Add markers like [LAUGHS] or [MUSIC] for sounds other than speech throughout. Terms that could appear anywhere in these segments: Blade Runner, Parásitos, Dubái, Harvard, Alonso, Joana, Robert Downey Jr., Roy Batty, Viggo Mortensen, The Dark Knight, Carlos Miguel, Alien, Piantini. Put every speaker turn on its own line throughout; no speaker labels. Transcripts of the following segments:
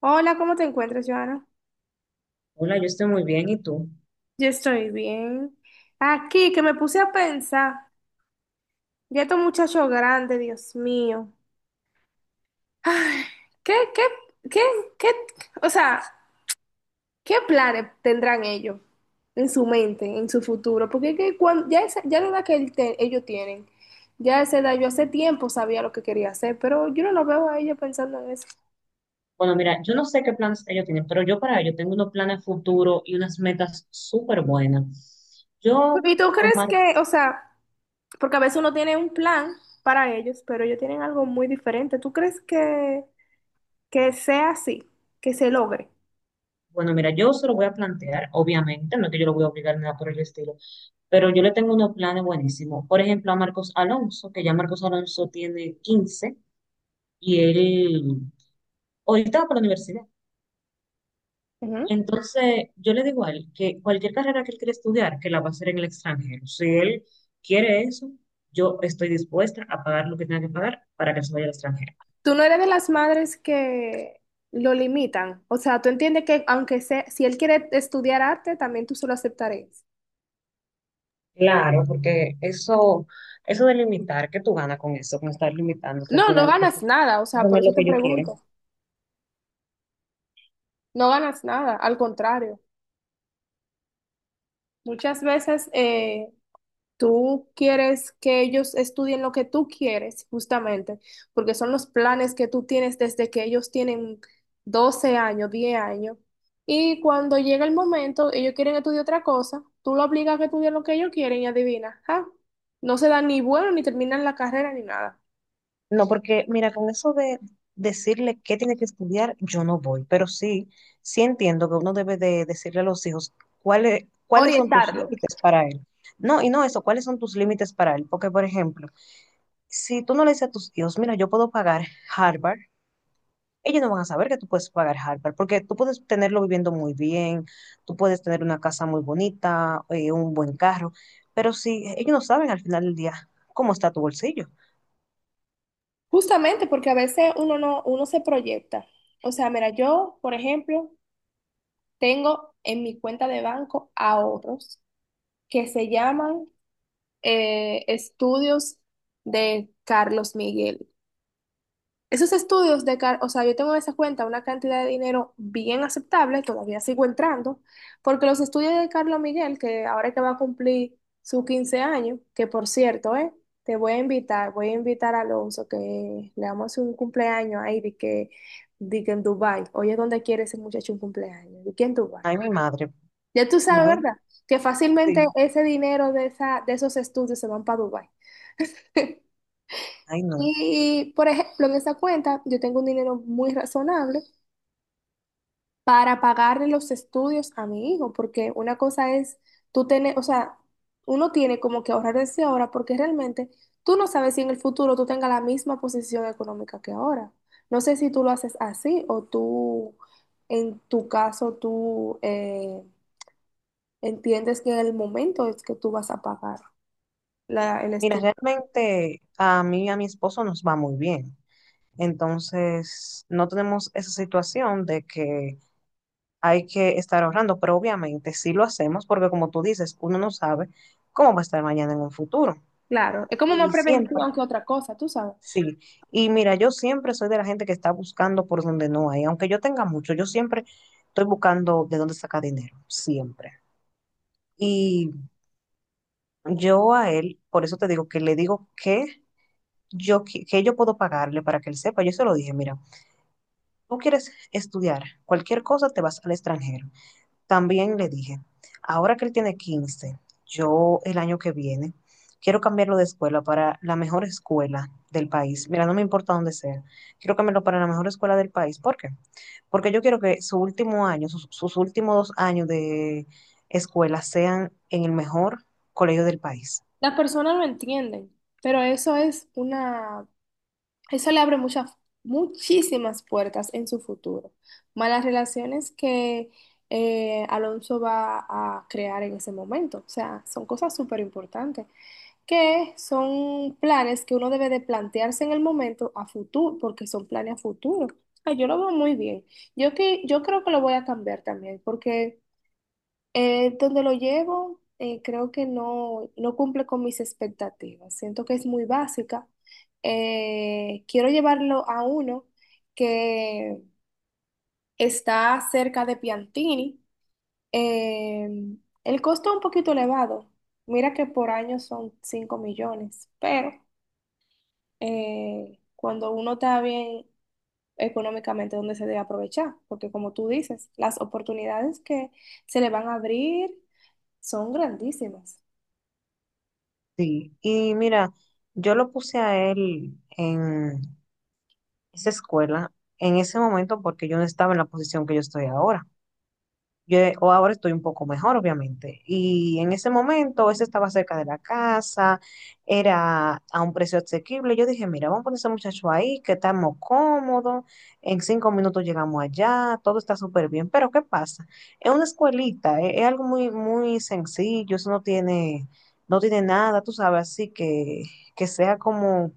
Hola, ¿cómo te encuentras, Joana?
Hola, yo estoy muy bien, ¿y tú?
Yo estoy bien. Aquí, que me puse a pensar, ya estos muchachos grandes, Dios mío. ¿Qué, qué, qué, qué, o sea, qué planes tendrán ellos en su mente, en su futuro? Porque es que cuando, ya, ya la edad que ellos tienen, ya a esa edad, yo hace tiempo sabía lo que quería hacer, pero yo no lo veo a ellos pensando en eso.
Bueno, mira, yo no sé qué planes ellos tienen, pero yo para ellos tengo unos planes futuros y unas metas súper buenas.
¿Y tú crees
Omar,
que, o sea, porque a veces uno tiene un plan para ellos, pero ellos tienen algo muy diferente? ¿Tú crees que sea así, que se logre?
bueno, mira, yo se lo voy a plantear, obviamente, no es que yo lo voy a obligar ni nada por el estilo, pero yo le tengo unos planes buenísimos. Por ejemplo, a Marcos Alonso, que ya Marcos Alonso tiene 15 y él ahorita va para la universidad.
Ujú.
Entonces, yo le digo a él que cualquier carrera que él quiera estudiar, que la va a hacer en el extranjero. Si él quiere eso, yo estoy dispuesta a pagar lo que tenga que pagar para que se vaya al extranjero.
Tú no eres de las madres que lo limitan. O sea, tú entiendes que aunque sea, si él quiere estudiar arte, también tú se lo aceptarías.
Claro, porque eso de limitar, que tú ganas con eso, con estar limitándose al
No, no
final,
ganas
eso,
nada, o
eso
sea,
no
por
es
eso
lo
te
que yo quiero.
pregunto. No ganas nada, al contrario. Muchas veces. Tú quieres que ellos estudien lo que tú quieres, justamente, porque son los planes que tú tienes desde que ellos tienen 12 años, 10 años. Y cuando llega el momento, ellos quieren estudiar otra cosa, tú lo obligas a que estudien lo que ellos quieren y adivina, ah, no se dan ni bueno ni terminan la carrera ni nada.
No, porque mira, con eso de decirle qué tiene que estudiar, yo no voy, pero sí, sí entiendo que uno debe de decirle a los hijos cuáles son tus
Orientarlo,
límites para él. No, y no eso, cuáles son tus límites para él. Porque, por ejemplo, si tú no le dices a tus hijos, mira, yo puedo pagar Harvard, ellos no van a saber que tú puedes pagar Harvard, porque tú puedes tenerlo viviendo muy bien, tú puedes tener una casa muy bonita, un buen carro, pero si ellos no saben al final del día cómo está tu bolsillo.
justamente porque a veces uno no, uno se proyecta. O sea, mira, yo, por ejemplo, tengo en mi cuenta de banco ahorros que se llaman estudios de Carlos Miguel. Esos estudios de Carlos, o sea, yo tengo en esa cuenta una cantidad de dinero bien aceptable, todavía sigo entrando, porque los estudios de Carlos Miguel, que ahora que va a cumplir sus 15 años, que por cierto, te voy a invitar a Alonso, que le vamos a hacer un cumpleaños ahí, de que en Dubái, oye, ¿dónde quiere ese muchacho un cumpleaños? De que en Dubái.
Ay, mi madre.
Ya tú sabes,
Bueno,
¿verdad? Que fácilmente
sí.
ese dinero de, esa, de esos estudios se van para Dubái. [LAUGHS]
Ay, no.
Y, por ejemplo, en esa cuenta yo tengo un dinero muy razonable para pagarle los estudios a mi hijo, porque una cosa es tú tener, o sea, uno tiene como que ahorrar desde ahora, porque realmente tú no sabes si en el futuro tú tengas la misma posición económica que ahora. No sé si tú lo haces así o tú, en tu caso, tú entiendes que en el momento es que tú vas a pagar el
Mira,
estudio.
realmente a mí y a mi esposo nos va muy bien. Entonces, no tenemos esa situación de que hay que estar ahorrando, pero obviamente sí lo hacemos porque como tú dices, uno no sabe cómo va a estar mañana en un futuro.
Claro, es como más
Y siempre,
prevención que otra cosa, tú sabes.
sí. Y mira, yo siempre soy de la gente que está buscando por donde no hay. Aunque yo tenga mucho, yo siempre estoy buscando de dónde sacar dinero, siempre. Y yo a él, por eso te digo que le digo que yo puedo pagarle para que él sepa. Yo se lo dije, mira, tú quieres estudiar cualquier cosa, te vas al extranjero. También le dije, ahora que él tiene 15 yo el año que viene quiero cambiarlo de escuela para la mejor escuela del país. Mira, no me importa dónde sea. Quiero cambiarlo para la mejor escuela del país. ¿Por qué? Porque yo quiero que su último año, sus últimos 2 años de escuela sean en el mejor colegio del país.
Las personas no entienden, pero eso es una, eso le abre muchas, muchísimas puertas en su futuro. Malas relaciones que Alonso va a crear en ese momento. O sea, son cosas súper importantes, que son planes que uno debe de plantearse en el momento a futuro, porque son planes a futuro. O sea, yo lo veo muy bien. Yo creo que lo voy a cambiar también, porque donde lo llevo, creo que no cumple con mis expectativas. Siento que es muy básica. Quiero llevarlo a uno que está cerca de Piantini. Eh, el costo es un poquito elevado. Mira que por año son 5 millones, pero cuando uno está bien económicamente, donde se debe aprovechar, porque como tú dices, las oportunidades que se le van a abrir son grandísimas.
Sí. Y mira, yo lo puse a él en esa escuela en ese momento porque yo no estaba en la posición que yo estoy ahora. O ahora estoy un poco mejor, obviamente. Y en ese momento, ese estaba cerca de la casa, era a un precio asequible. Yo dije, mira, vamos a poner ese muchacho ahí, que estamos cómodos, en 5 minutos llegamos allá, todo está súper bien. Pero, ¿qué pasa? Es una escuelita, algo muy, muy sencillo, eso no tiene, no tiene nada, tú sabes, así que sea como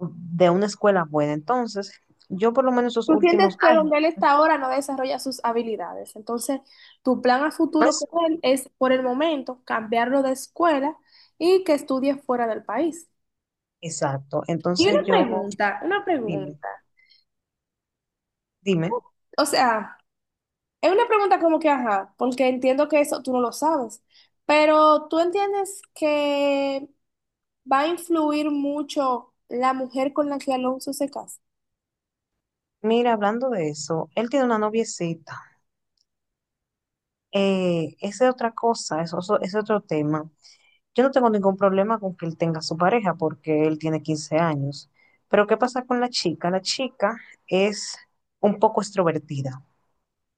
de una escuela buena. Entonces, yo por lo menos esos
Tú sientes
últimos
que
años,
donde él está ahora no desarrolla sus habilidades. Entonces, tu plan a futuro con
pues,
él es, por el momento, cambiarlo de escuela y que estudie fuera del país.
exacto.
Y
Entonces
una
yo,
pregunta, una
dime,
pregunta.
dime,
O sea, es una pregunta como que, ajá, porque entiendo que eso tú no lo sabes, pero tú entiendes que va a influir mucho la mujer con la que Alonso se casa.
mira, hablando de eso, él tiene una noviecita. Esa es otra cosa, es otro tema. Yo no tengo ningún problema con que él tenga su pareja porque él tiene 15 años. Pero ¿qué pasa con la chica? La chica es un poco extrovertida.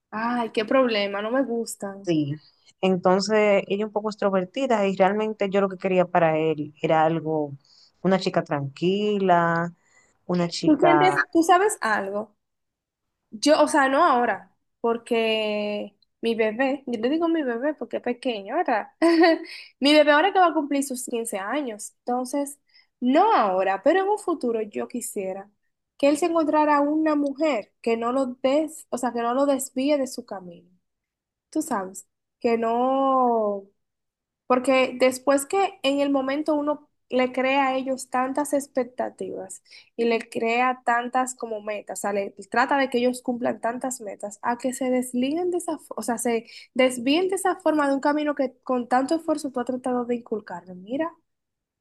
Ay, qué problema, no me gustan.
Sí, entonces ella un poco extrovertida y realmente yo lo que quería para él era algo, una chica tranquila, una
¿Tú sientes,
chica,
tú sabes algo? Yo, o sea, no ahora, porque mi bebé, yo le digo mi bebé porque es pequeño, ¿verdad? [LAUGHS] Mi bebé ahora que va a cumplir sus 15 años, entonces, no ahora, pero en un futuro yo quisiera que él se encontrara una mujer que no lo des, o sea, que no lo desvíe de su camino. Tú sabes, que no porque después que en el momento uno le crea a ellos tantas expectativas y le crea tantas como metas, o sea, le trata de que ellos cumplan tantas metas, a que se desliguen de esa, o sea, se desvíen de esa forma de un camino que con tanto esfuerzo tú has tratado de inculcarle. Mira,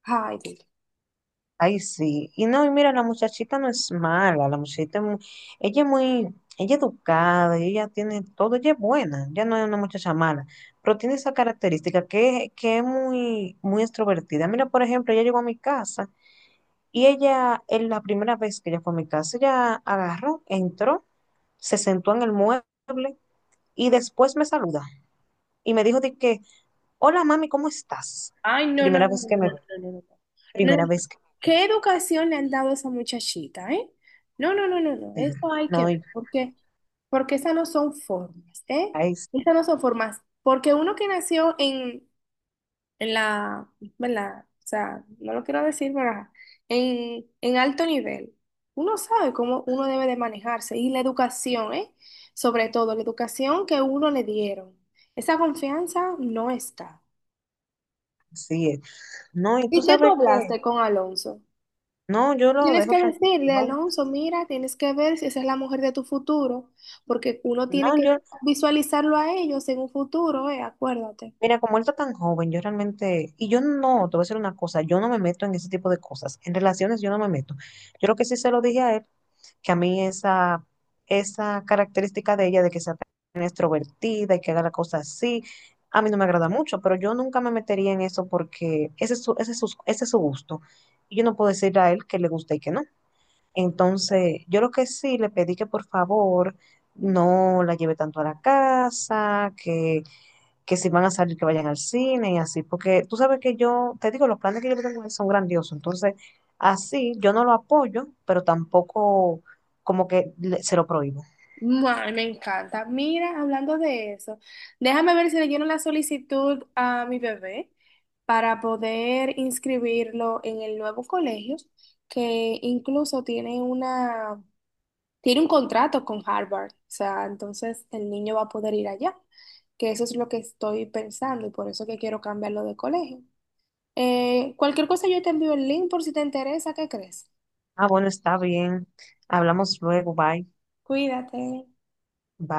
ay, Dios.
ay sí, y no, y mira, la muchachita no es mala, la muchachita, es mu- ella es muy, ella es educada, y ella tiene todo, ella es buena, ya no es una muchacha mala, pero tiene esa característica que es muy, muy extrovertida. Mira, por ejemplo, ella llegó a mi casa. Y ella, en la primera vez que ella fue a mi casa, ella agarró, entró, se sentó en el mueble y después me saluda y me dijo de que, hola mami, ¿cómo estás?
Ay, no, no,
Primera
no, no,
vez que
no,
me ve,
no, no, no, no. No, no.
primera vez que
¿Qué educación le han dado a esa muchachita, eh? No, no, no, no, no,
me ve.
eso hay que
No,
ver,
y
porque esas no son formas, ¿eh?
ay,
Esas no son formas. Porque uno que nació en la, ¿verdad? O sea, no lo quiero decir, ¿verdad? En alto nivel, uno sabe cómo uno debe de manejarse. Y la educación, ¿eh? Sobre todo, la educación que uno le dieron. Esa confianza no está.
sí, eh. No, y tú
¿Y qué tú
sabes que,
hablaste con Alonso?
no, yo lo
Tienes
dejo
que
tranquilo.
decirle, Alonso, mira, tienes que ver si esa es la mujer de tu futuro, porque uno tiene
No,
que visualizarlo a ellos en un futuro, acuérdate.
mira, como él está tan joven, yo realmente, y yo no, te voy a decir una cosa, yo no me meto en ese tipo de cosas. En relaciones yo no me meto. Yo lo que sí se lo dije a él que a mí esa, esa característica de ella, de que sea tan extrovertida y que haga la cosa así, a mí no me agrada mucho, pero yo nunca me metería en eso porque ese es su gusto. Y yo no puedo decirle a él que le gusta y que no. Entonces, yo lo que sí le pedí que por favor no la lleve tanto a la casa, que si van a salir, que vayan al cine y así, porque tú sabes que yo, te digo, los planes que yo tengo son grandiosos, entonces así yo no lo apoyo, pero tampoco como que le- se lo prohíbo.
Ay, me encanta. Mira, hablando de eso, déjame ver si le lleno la solicitud a mi bebé para poder inscribirlo en el nuevo colegio, que incluso tiene una tiene un contrato con Harvard, o sea, entonces el niño va a poder ir allá, que eso es lo que estoy pensando y por eso que quiero cambiarlo de colegio. Cualquier cosa yo te envío el link por si te interesa, ¿qué crees?
Ah, bueno, está bien. Hablamos luego, bye.
Cuídate.
Bye.